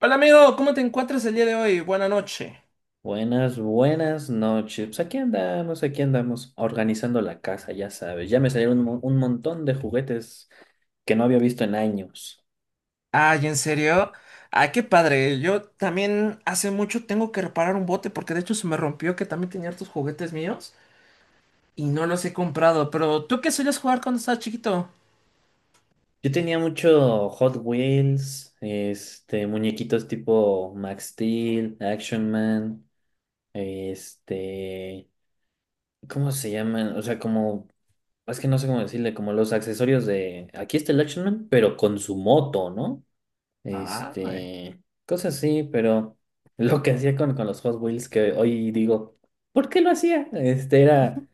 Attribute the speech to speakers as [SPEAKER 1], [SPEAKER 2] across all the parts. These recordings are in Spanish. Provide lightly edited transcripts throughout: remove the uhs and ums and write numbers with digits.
[SPEAKER 1] Hola amigo, ¿cómo te encuentras el día de hoy? Buena noche.
[SPEAKER 2] Buenas noches. Pues aquí andamos, organizando la casa, ya sabes. Ya me salieron un montón de juguetes que no había visto en años.
[SPEAKER 1] Ay, ¿en serio? Ay, qué padre. Yo también hace mucho tengo que reparar un bote porque de hecho se me rompió que también tenía hartos juguetes míos y no los he comprado. Pero ¿tú qué solías jugar cuando estabas chiquito?
[SPEAKER 2] Yo tenía mucho Hot Wheels, muñequitos tipo Max Steel, Action Man, este, ¿cómo se llaman? O sea, como, es que no sé cómo decirle, como los accesorios de, aquí está el Action Man, pero con su moto, ¿no?
[SPEAKER 1] Ah, güey.
[SPEAKER 2] Este, cosas así, pero lo que hacía con los Hot Wheels, que hoy digo, ¿por qué lo hacía? Este era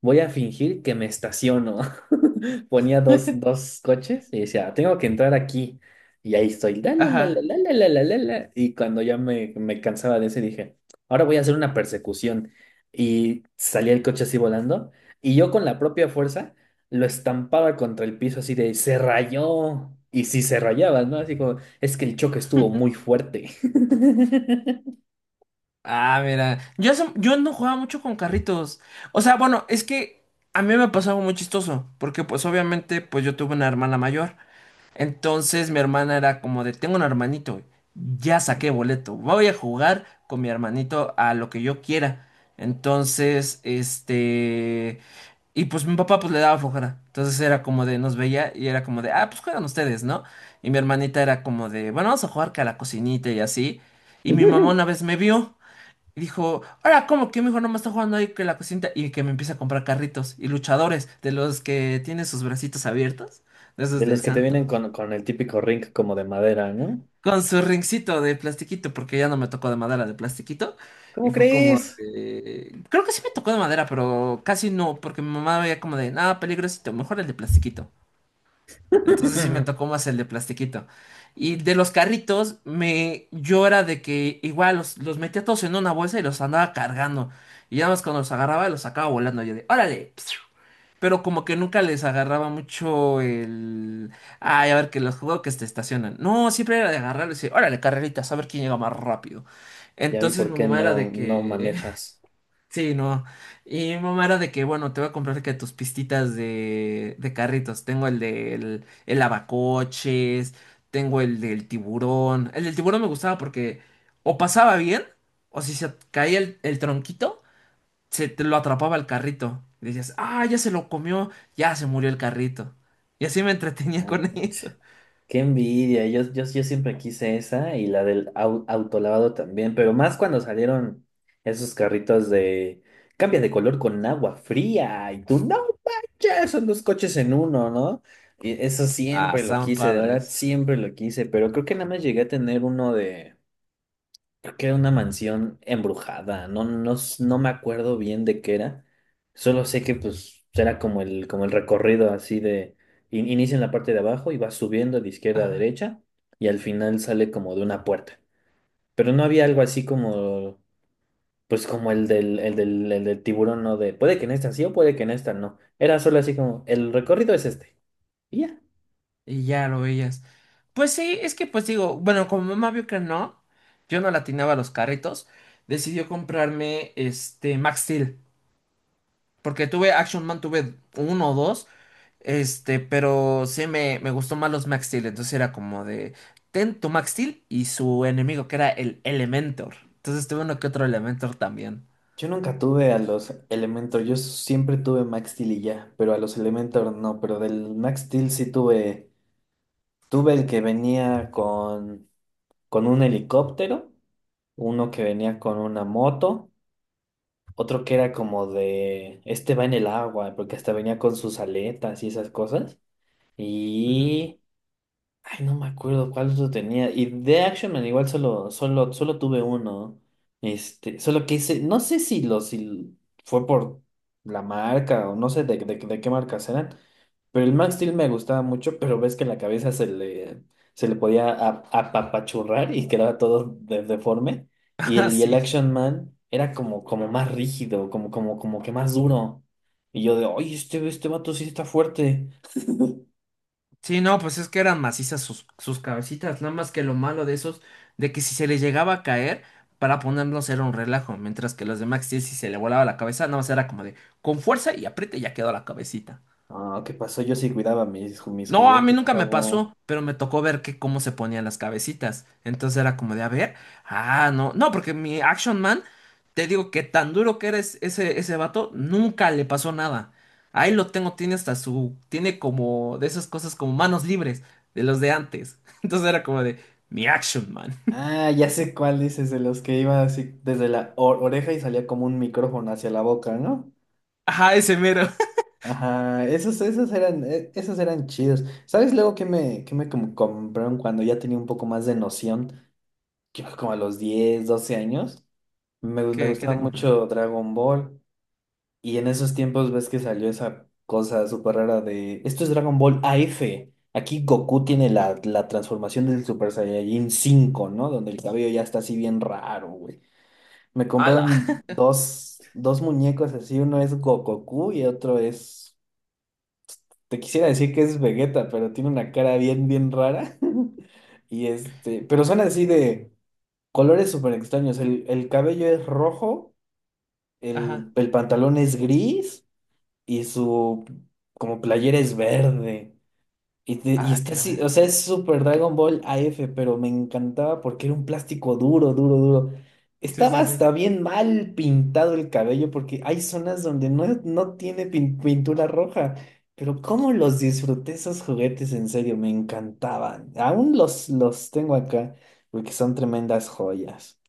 [SPEAKER 2] voy a fingir que me estaciono. Ponía dos, dos coches y decía, tengo que entrar aquí. Y ahí estoy, la, la, la, la,
[SPEAKER 1] Ajá.
[SPEAKER 2] la, la, la, la, la, la. Y cuando ya me cansaba de ese, dije, ahora voy a hacer una persecución. Y salía el coche así volando. Y yo con la propia fuerza lo estampaba contra el piso así de, se rayó. Y si se rayaba, ¿no? Así como, es que el choque estuvo muy fuerte.
[SPEAKER 1] Ah, mira. Yo, yo no jugaba mucho con carritos. O sea, bueno, es que a mí me pasó algo muy chistoso porque pues obviamente pues yo tuve una hermana mayor. Entonces mi hermana era como de, tengo un hermanito, ya saqué boleto, voy a jugar con mi hermanito a lo que yo quiera. Entonces, Y pues mi papá pues le daba flojera. Entonces era como de, nos veía y era como de, ah, pues juegan ustedes, ¿no? Y mi hermanita era como de, bueno, vamos a jugar que a la cocinita y así. Y mi mamá una vez me vio y dijo, ahora, ¿cómo que mi hijo no me está jugando ahí que la cocinita? Y que me empieza a comprar carritos y luchadores de los que tienen sus bracitos abiertos, de esos
[SPEAKER 2] De
[SPEAKER 1] del
[SPEAKER 2] los que te
[SPEAKER 1] santo.
[SPEAKER 2] vienen con el típico ring como de madera, ¿no?
[SPEAKER 1] Con su ringcito de plastiquito, porque ya no me tocó de madera, de plastiquito. Y
[SPEAKER 2] ¿Cómo
[SPEAKER 1] fue como
[SPEAKER 2] crees?
[SPEAKER 1] de... Creo que sí me tocó de madera, pero casi no, porque mi mamá veía como de, nada, peligrosito, mejor el de plastiquito. Entonces sí me tocó más el de plastiquito. Y de los carritos, me... yo era de que igual los metía todos en una bolsa y los andaba cargando. Y ya más cuando los agarraba, los sacaba volando. Yo de, órale. Pero como que nunca les agarraba mucho el... Ay, a ver, que los juegos que se estacionan. No, siempre era de agarrar y decir, órale, carreritas, a ver quién llega más rápido.
[SPEAKER 2] Ya vi
[SPEAKER 1] Entonces
[SPEAKER 2] por
[SPEAKER 1] mi
[SPEAKER 2] qué
[SPEAKER 1] mamá era de
[SPEAKER 2] no
[SPEAKER 1] que...
[SPEAKER 2] manejas.
[SPEAKER 1] Sí, no. Y mi mamá era de que, bueno, te voy a comprar que tus pistitas de carritos. Tengo el del el lavacoches, tengo el del tiburón. El del tiburón me gustaba porque o pasaba bien, o si se caía el tronquito se te lo atrapaba el carrito. Y decías, ah, ya se lo comió, ya se murió el carrito. Y así me entretenía con
[SPEAKER 2] Ouch.
[SPEAKER 1] eso.
[SPEAKER 2] Qué envidia. Yo siempre quise esa y la del autolavado también, pero más cuando salieron esos carritos de cambia de color con agua fría y tú, no manches, son dos coches en uno, ¿no? Y eso
[SPEAKER 1] Ah,
[SPEAKER 2] siempre lo
[SPEAKER 1] estaban
[SPEAKER 2] quise, de verdad,
[SPEAKER 1] padres.
[SPEAKER 2] siempre lo quise, pero creo que nada más llegué a tener uno de... Creo que era una mansión embrujada, no me acuerdo bien de qué era, solo sé que pues era como el recorrido así de, inicia en la parte de abajo y va subiendo de izquierda a derecha y al final sale como de una puerta, pero no había algo así como, pues como el del tiburón, no de, puede que en esta sí o puede que en esta no, era solo así como, el recorrido es este, y ya.
[SPEAKER 1] Y ya lo veías. Pues sí, es que pues digo, bueno, como mamá vio que no, yo no latinaba los carritos, decidió comprarme este Max Steel. Porque tuve Action Man, tuve uno o dos. Pero sí me gustó más los Max Steel. Entonces era como de. Ten tu Max Steel y su enemigo, que era el Elementor. Entonces tuve uno que otro Elementor también.
[SPEAKER 2] Yo nunca tuve a los Elementor, yo siempre tuve Max Steel y ya, pero a los Elementor no, pero del Max Steel sí tuve, tuve el que venía con un helicóptero, uno que venía con una moto, otro que era como de, este va en el agua, porque hasta venía con sus aletas y esas cosas.
[SPEAKER 1] Ujú.
[SPEAKER 2] Ay, no me acuerdo cuál otro tenía. Y de Action Man igual solo tuve uno. Solo que ese, no sé si lo, si fue por la marca o no sé de qué marcas eran. Pero el Max Steel me gustaba mucho, pero ves que la cabeza se le podía apapachurrar y quedaba todo deforme. Y
[SPEAKER 1] Ah,
[SPEAKER 2] el, y el
[SPEAKER 1] sí.
[SPEAKER 2] Action Man era como, como más rígido, como que más duro. Y yo de, oye, este vato sí está fuerte.
[SPEAKER 1] Sí, no, pues es que eran macizas sus cabecitas. Nada más que lo malo de esos, de que si se les llegaba a caer, para ponerlos era un relajo. Mientras que los de Max Steel, si se le volaba la cabeza, nada más era como de con fuerza y apriete y ya quedó la cabecita.
[SPEAKER 2] Ah, ¿qué pasó? Yo sí cuidaba mis, mis
[SPEAKER 1] No, a mí
[SPEAKER 2] juguetes,
[SPEAKER 1] nunca me
[SPEAKER 2] chavo.
[SPEAKER 1] pasó, pero me tocó ver que cómo se ponían las cabecitas. Entonces era como de, a ver, ah, no, no, porque mi Action Man, te digo que tan duro que eres ese, ese vato, nunca le pasó nada. Ahí lo tengo, tiene hasta su, tiene como de esas cosas como manos libres, de los de antes. Entonces era como de, mi Action Man.
[SPEAKER 2] Ah, ya sé cuál dices, de los que iba así desde la oreja y salía como un micrófono hacia la boca, ¿no?
[SPEAKER 1] Ajá, ese mero.
[SPEAKER 2] Ajá, esos eran chidos. ¿Sabes luego que me como compraron cuando ya tenía un poco más de noción? Yo como a los 10 12 años. Me, me
[SPEAKER 1] ¿Qué, qué
[SPEAKER 2] gustaba
[SPEAKER 1] te compraron?
[SPEAKER 2] mucho Dragon Ball. Y en esos tiempos ves que salió esa cosa súper rara de, esto es Dragon Ball AF. Aquí Goku tiene la transformación del Super Saiyajin 5, ¿no? Donde el cabello ya está así bien raro, güey. Me
[SPEAKER 1] Ala.
[SPEAKER 2] compraron dos muñecos así, uno es Goku y otro es, te quisiera decir que es Vegeta, pero tiene una cara bien rara. Pero son así de colores súper extraños. El cabello es rojo, el,
[SPEAKER 1] Ajá.
[SPEAKER 2] el pantalón es gris, y su como playera es verde. Y
[SPEAKER 1] Ah,
[SPEAKER 2] está
[SPEAKER 1] caray.
[SPEAKER 2] así, o sea, es Super Dragon Ball AF, pero me encantaba porque era un plástico duro.
[SPEAKER 1] Sí, sí,
[SPEAKER 2] Estaba
[SPEAKER 1] sí.
[SPEAKER 2] hasta bien mal pintado el cabello porque hay zonas donde no tiene pintura roja. Pero cómo los disfruté esos juguetes, en serio, me encantaban. Aún los tengo acá porque son tremendas joyas.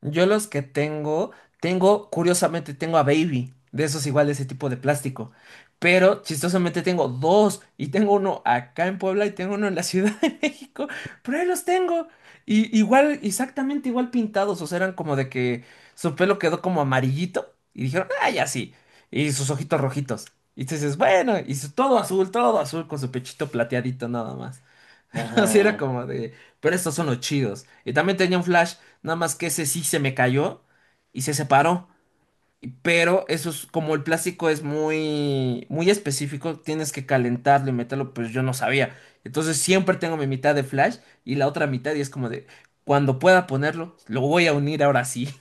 [SPEAKER 1] Yo los que tengo, tengo, curiosamente, tengo a Baby, de esos igual, de ese tipo de plástico. Pero chistosamente tengo dos, y tengo uno acá en Puebla y tengo uno en la Ciudad de México, pero ahí los tengo. Y igual, exactamente igual pintados, o sea, eran como de que su pelo quedó como amarillito y dijeron, ah, ya sí, y sus ojitos rojitos. Y tú dices, bueno, todo azul con su pechito plateadito nada más. Así era
[SPEAKER 2] Ajá.
[SPEAKER 1] como de, pero estos son los chidos. Y también tenía un flash, nada más que ese sí se me cayó y se separó. Y- Pero eso es como el plástico es muy, muy específico, tienes que calentarlo y meterlo, pues yo no sabía. Entonces siempre tengo mi mitad de flash y la otra mitad y es como de, cuando pueda ponerlo, lo voy a unir ahora sí.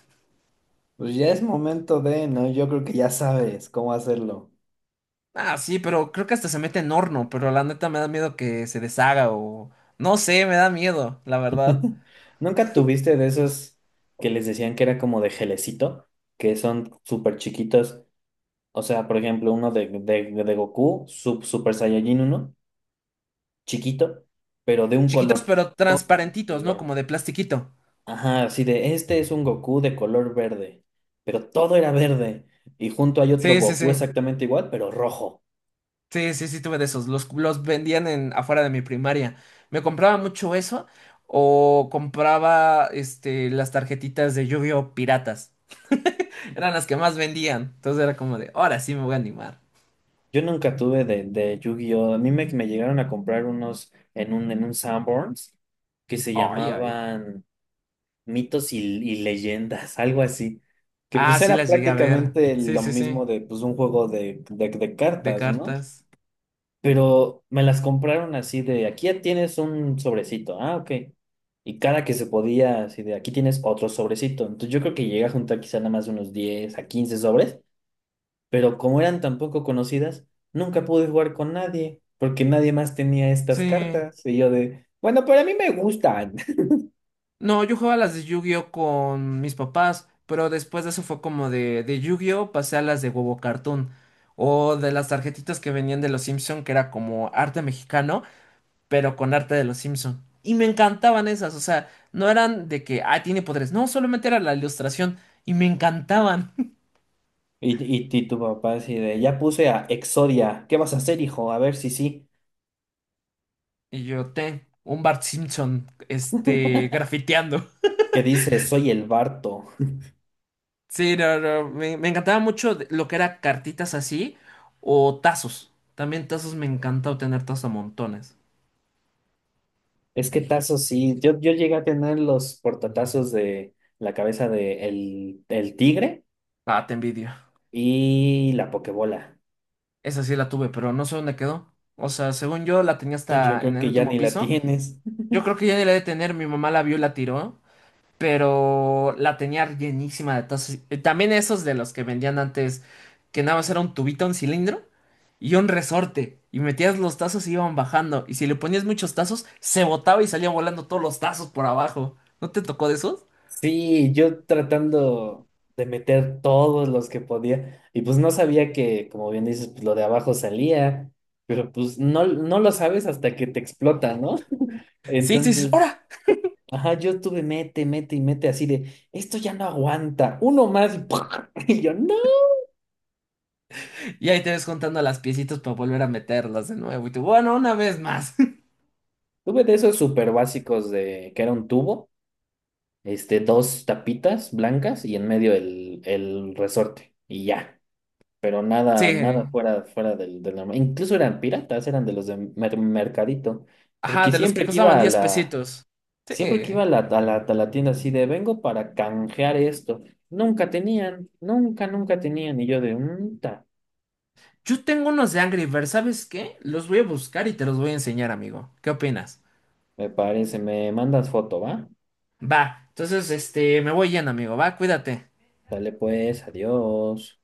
[SPEAKER 2] Pues ya es momento de, ¿no? Yo creo que ya sabes cómo hacerlo.
[SPEAKER 1] Ah, sí, pero creo que hasta se mete en horno, pero la neta me da miedo que se deshaga o... No sé, me da miedo, la verdad.
[SPEAKER 2] ¿Nunca tuviste de esos que les decían que era como de gelecito? Que son súper chiquitos. O sea, por ejemplo, uno de Goku, sub, Super Saiyajin uno chiquito, pero de un
[SPEAKER 1] Chiquitos
[SPEAKER 2] color.
[SPEAKER 1] pero
[SPEAKER 2] Todo de un
[SPEAKER 1] transparentitos, ¿no?
[SPEAKER 2] color.
[SPEAKER 1] Como de plastiquito.
[SPEAKER 2] Ajá, así de este es un Goku de color verde, pero todo era verde. Y junto hay otro
[SPEAKER 1] Sí, sí,
[SPEAKER 2] Goku
[SPEAKER 1] sí.
[SPEAKER 2] exactamente igual, pero rojo.
[SPEAKER 1] Sí, sí, sí, tuve de esos. Los vendían en afuera de mi primaria. Me compraba mucho eso o compraba este, las tarjetitas de Yu-Gi-Oh! Piratas. Eran las que más vendían. Entonces era como de, ahora sí me voy a animar.
[SPEAKER 2] Yo nunca tuve de Yu-Gi-Oh! A mí me llegaron a comprar unos en un Sanborns que se
[SPEAKER 1] Ay, ay.
[SPEAKER 2] llamaban mitos y leyendas, algo así. Que
[SPEAKER 1] Ah,
[SPEAKER 2] pues
[SPEAKER 1] sí
[SPEAKER 2] era
[SPEAKER 1] las llegué a ver.
[SPEAKER 2] prácticamente
[SPEAKER 1] Sí,
[SPEAKER 2] lo
[SPEAKER 1] sí, sí.
[SPEAKER 2] mismo de pues un juego de
[SPEAKER 1] De
[SPEAKER 2] cartas, ¿no?
[SPEAKER 1] cartas.
[SPEAKER 2] Pero me las compraron así de aquí ya tienes un sobrecito, ah, ok. Y cada que se podía, así de aquí tienes otro sobrecito. Entonces yo creo que llegué a juntar quizá nada más unos 10 a 15 sobres, pero como eran tan poco conocidas, nunca pude jugar con nadie, porque nadie más tenía estas
[SPEAKER 1] Sí.
[SPEAKER 2] cartas. Y yo de, bueno, pero a mí me gustan.
[SPEAKER 1] No, yo jugaba las de Yu-Gi-Oh con mis papás, pero después de eso fue como de Yu-Gi-Oh pasé a las de Huevo Cartoon o de las tarjetitas que venían de los Simpson, que era como arte mexicano, pero con arte de los Simpson. Y me encantaban esas, o sea, no eran de que, ah, tiene poderes, no, solamente era la ilustración y me encantaban.
[SPEAKER 2] Y tu papá así de, ya puse a Exodia, ¿qué vas a hacer, hijo? A ver si sí.
[SPEAKER 1] Y yo, ten, un Bart Simpson, este, grafiteando.
[SPEAKER 2] Que dice, soy el Barto.
[SPEAKER 1] Sí, no, no, me encantaba mucho lo que era cartitas así o tazos. También tazos me encantaba tener tazos a montones.
[SPEAKER 2] Es que tazos sí, yo llegué a tener los portatazos de la cabeza de el tigre
[SPEAKER 1] Ah, te envidio.
[SPEAKER 2] y la pokebola.
[SPEAKER 1] Esa sí la tuve, pero no sé dónde quedó. O sea, según yo la tenía
[SPEAKER 2] Entonces yo
[SPEAKER 1] hasta en
[SPEAKER 2] creo
[SPEAKER 1] el
[SPEAKER 2] que ya
[SPEAKER 1] último
[SPEAKER 2] ni la
[SPEAKER 1] piso.
[SPEAKER 2] tienes.
[SPEAKER 1] Yo creo que ya ni la he de tener, mi mamá la vio y la tiró. Pero la tenía llenísima de tazos. También esos de los que vendían antes, que nada más era un tubito, un cilindro y un resorte. Y metías los tazos y iban bajando. Y si le ponías muchos tazos, se botaba y salía volando todos los tazos por abajo. ¿No te tocó de esos?
[SPEAKER 2] Sí, yo tratando de meter todos los que podía. Y pues no sabía que, como bien dices, pues lo de abajo salía, pero pues no lo sabes hasta que te explota, ¿no?
[SPEAKER 1] Sí, sí, dices,
[SPEAKER 2] Entonces
[SPEAKER 1] ¡hora!
[SPEAKER 2] ajá, yo estuve mete, mete y mete así de, esto ya no aguanta, uno más y, ¡pua! y yo, no.
[SPEAKER 1] Y ahí te ves contando las piecitas para volver a meterlas de nuevo. Y tú, bueno, una vez más.
[SPEAKER 2] Tuve de esos súper básicos de que era un tubo, dos tapitas blancas y en medio el resorte y ya, pero
[SPEAKER 1] Sí.
[SPEAKER 2] nada fuera del normal. Incluso eran piratas, eran de los de mercadito,
[SPEAKER 1] Ajá,
[SPEAKER 2] porque
[SPEAKER 1] de los que
[SPEAKER 2] siempre que
[SPEAKER 1] costaban
[SPEAKER 2] iba a
[SPEAKER 1] 10
[SPEAKER 2] la,
[SPEAKER 1] pesitos. Sí.
[SPEAKER 2] siempre que iba a la tienda así de, vengo para canjear esto, nunca tenían, nunca tenían y yo de, un.
[SPEAKER 1] Yo tengo unos de Angry Birds, ¿sabes qué? Los voy a buscar y te los voy a enseñar, amigo. ¿Qué opinas?
[SPEAKER 2] Me parece, me mandas foto, ¿va?
[SPEAKER 1] Va, entonces este, me voy yendo, amigo, va, cuídate.
[SPEAKER 2] Dale pues, adiós.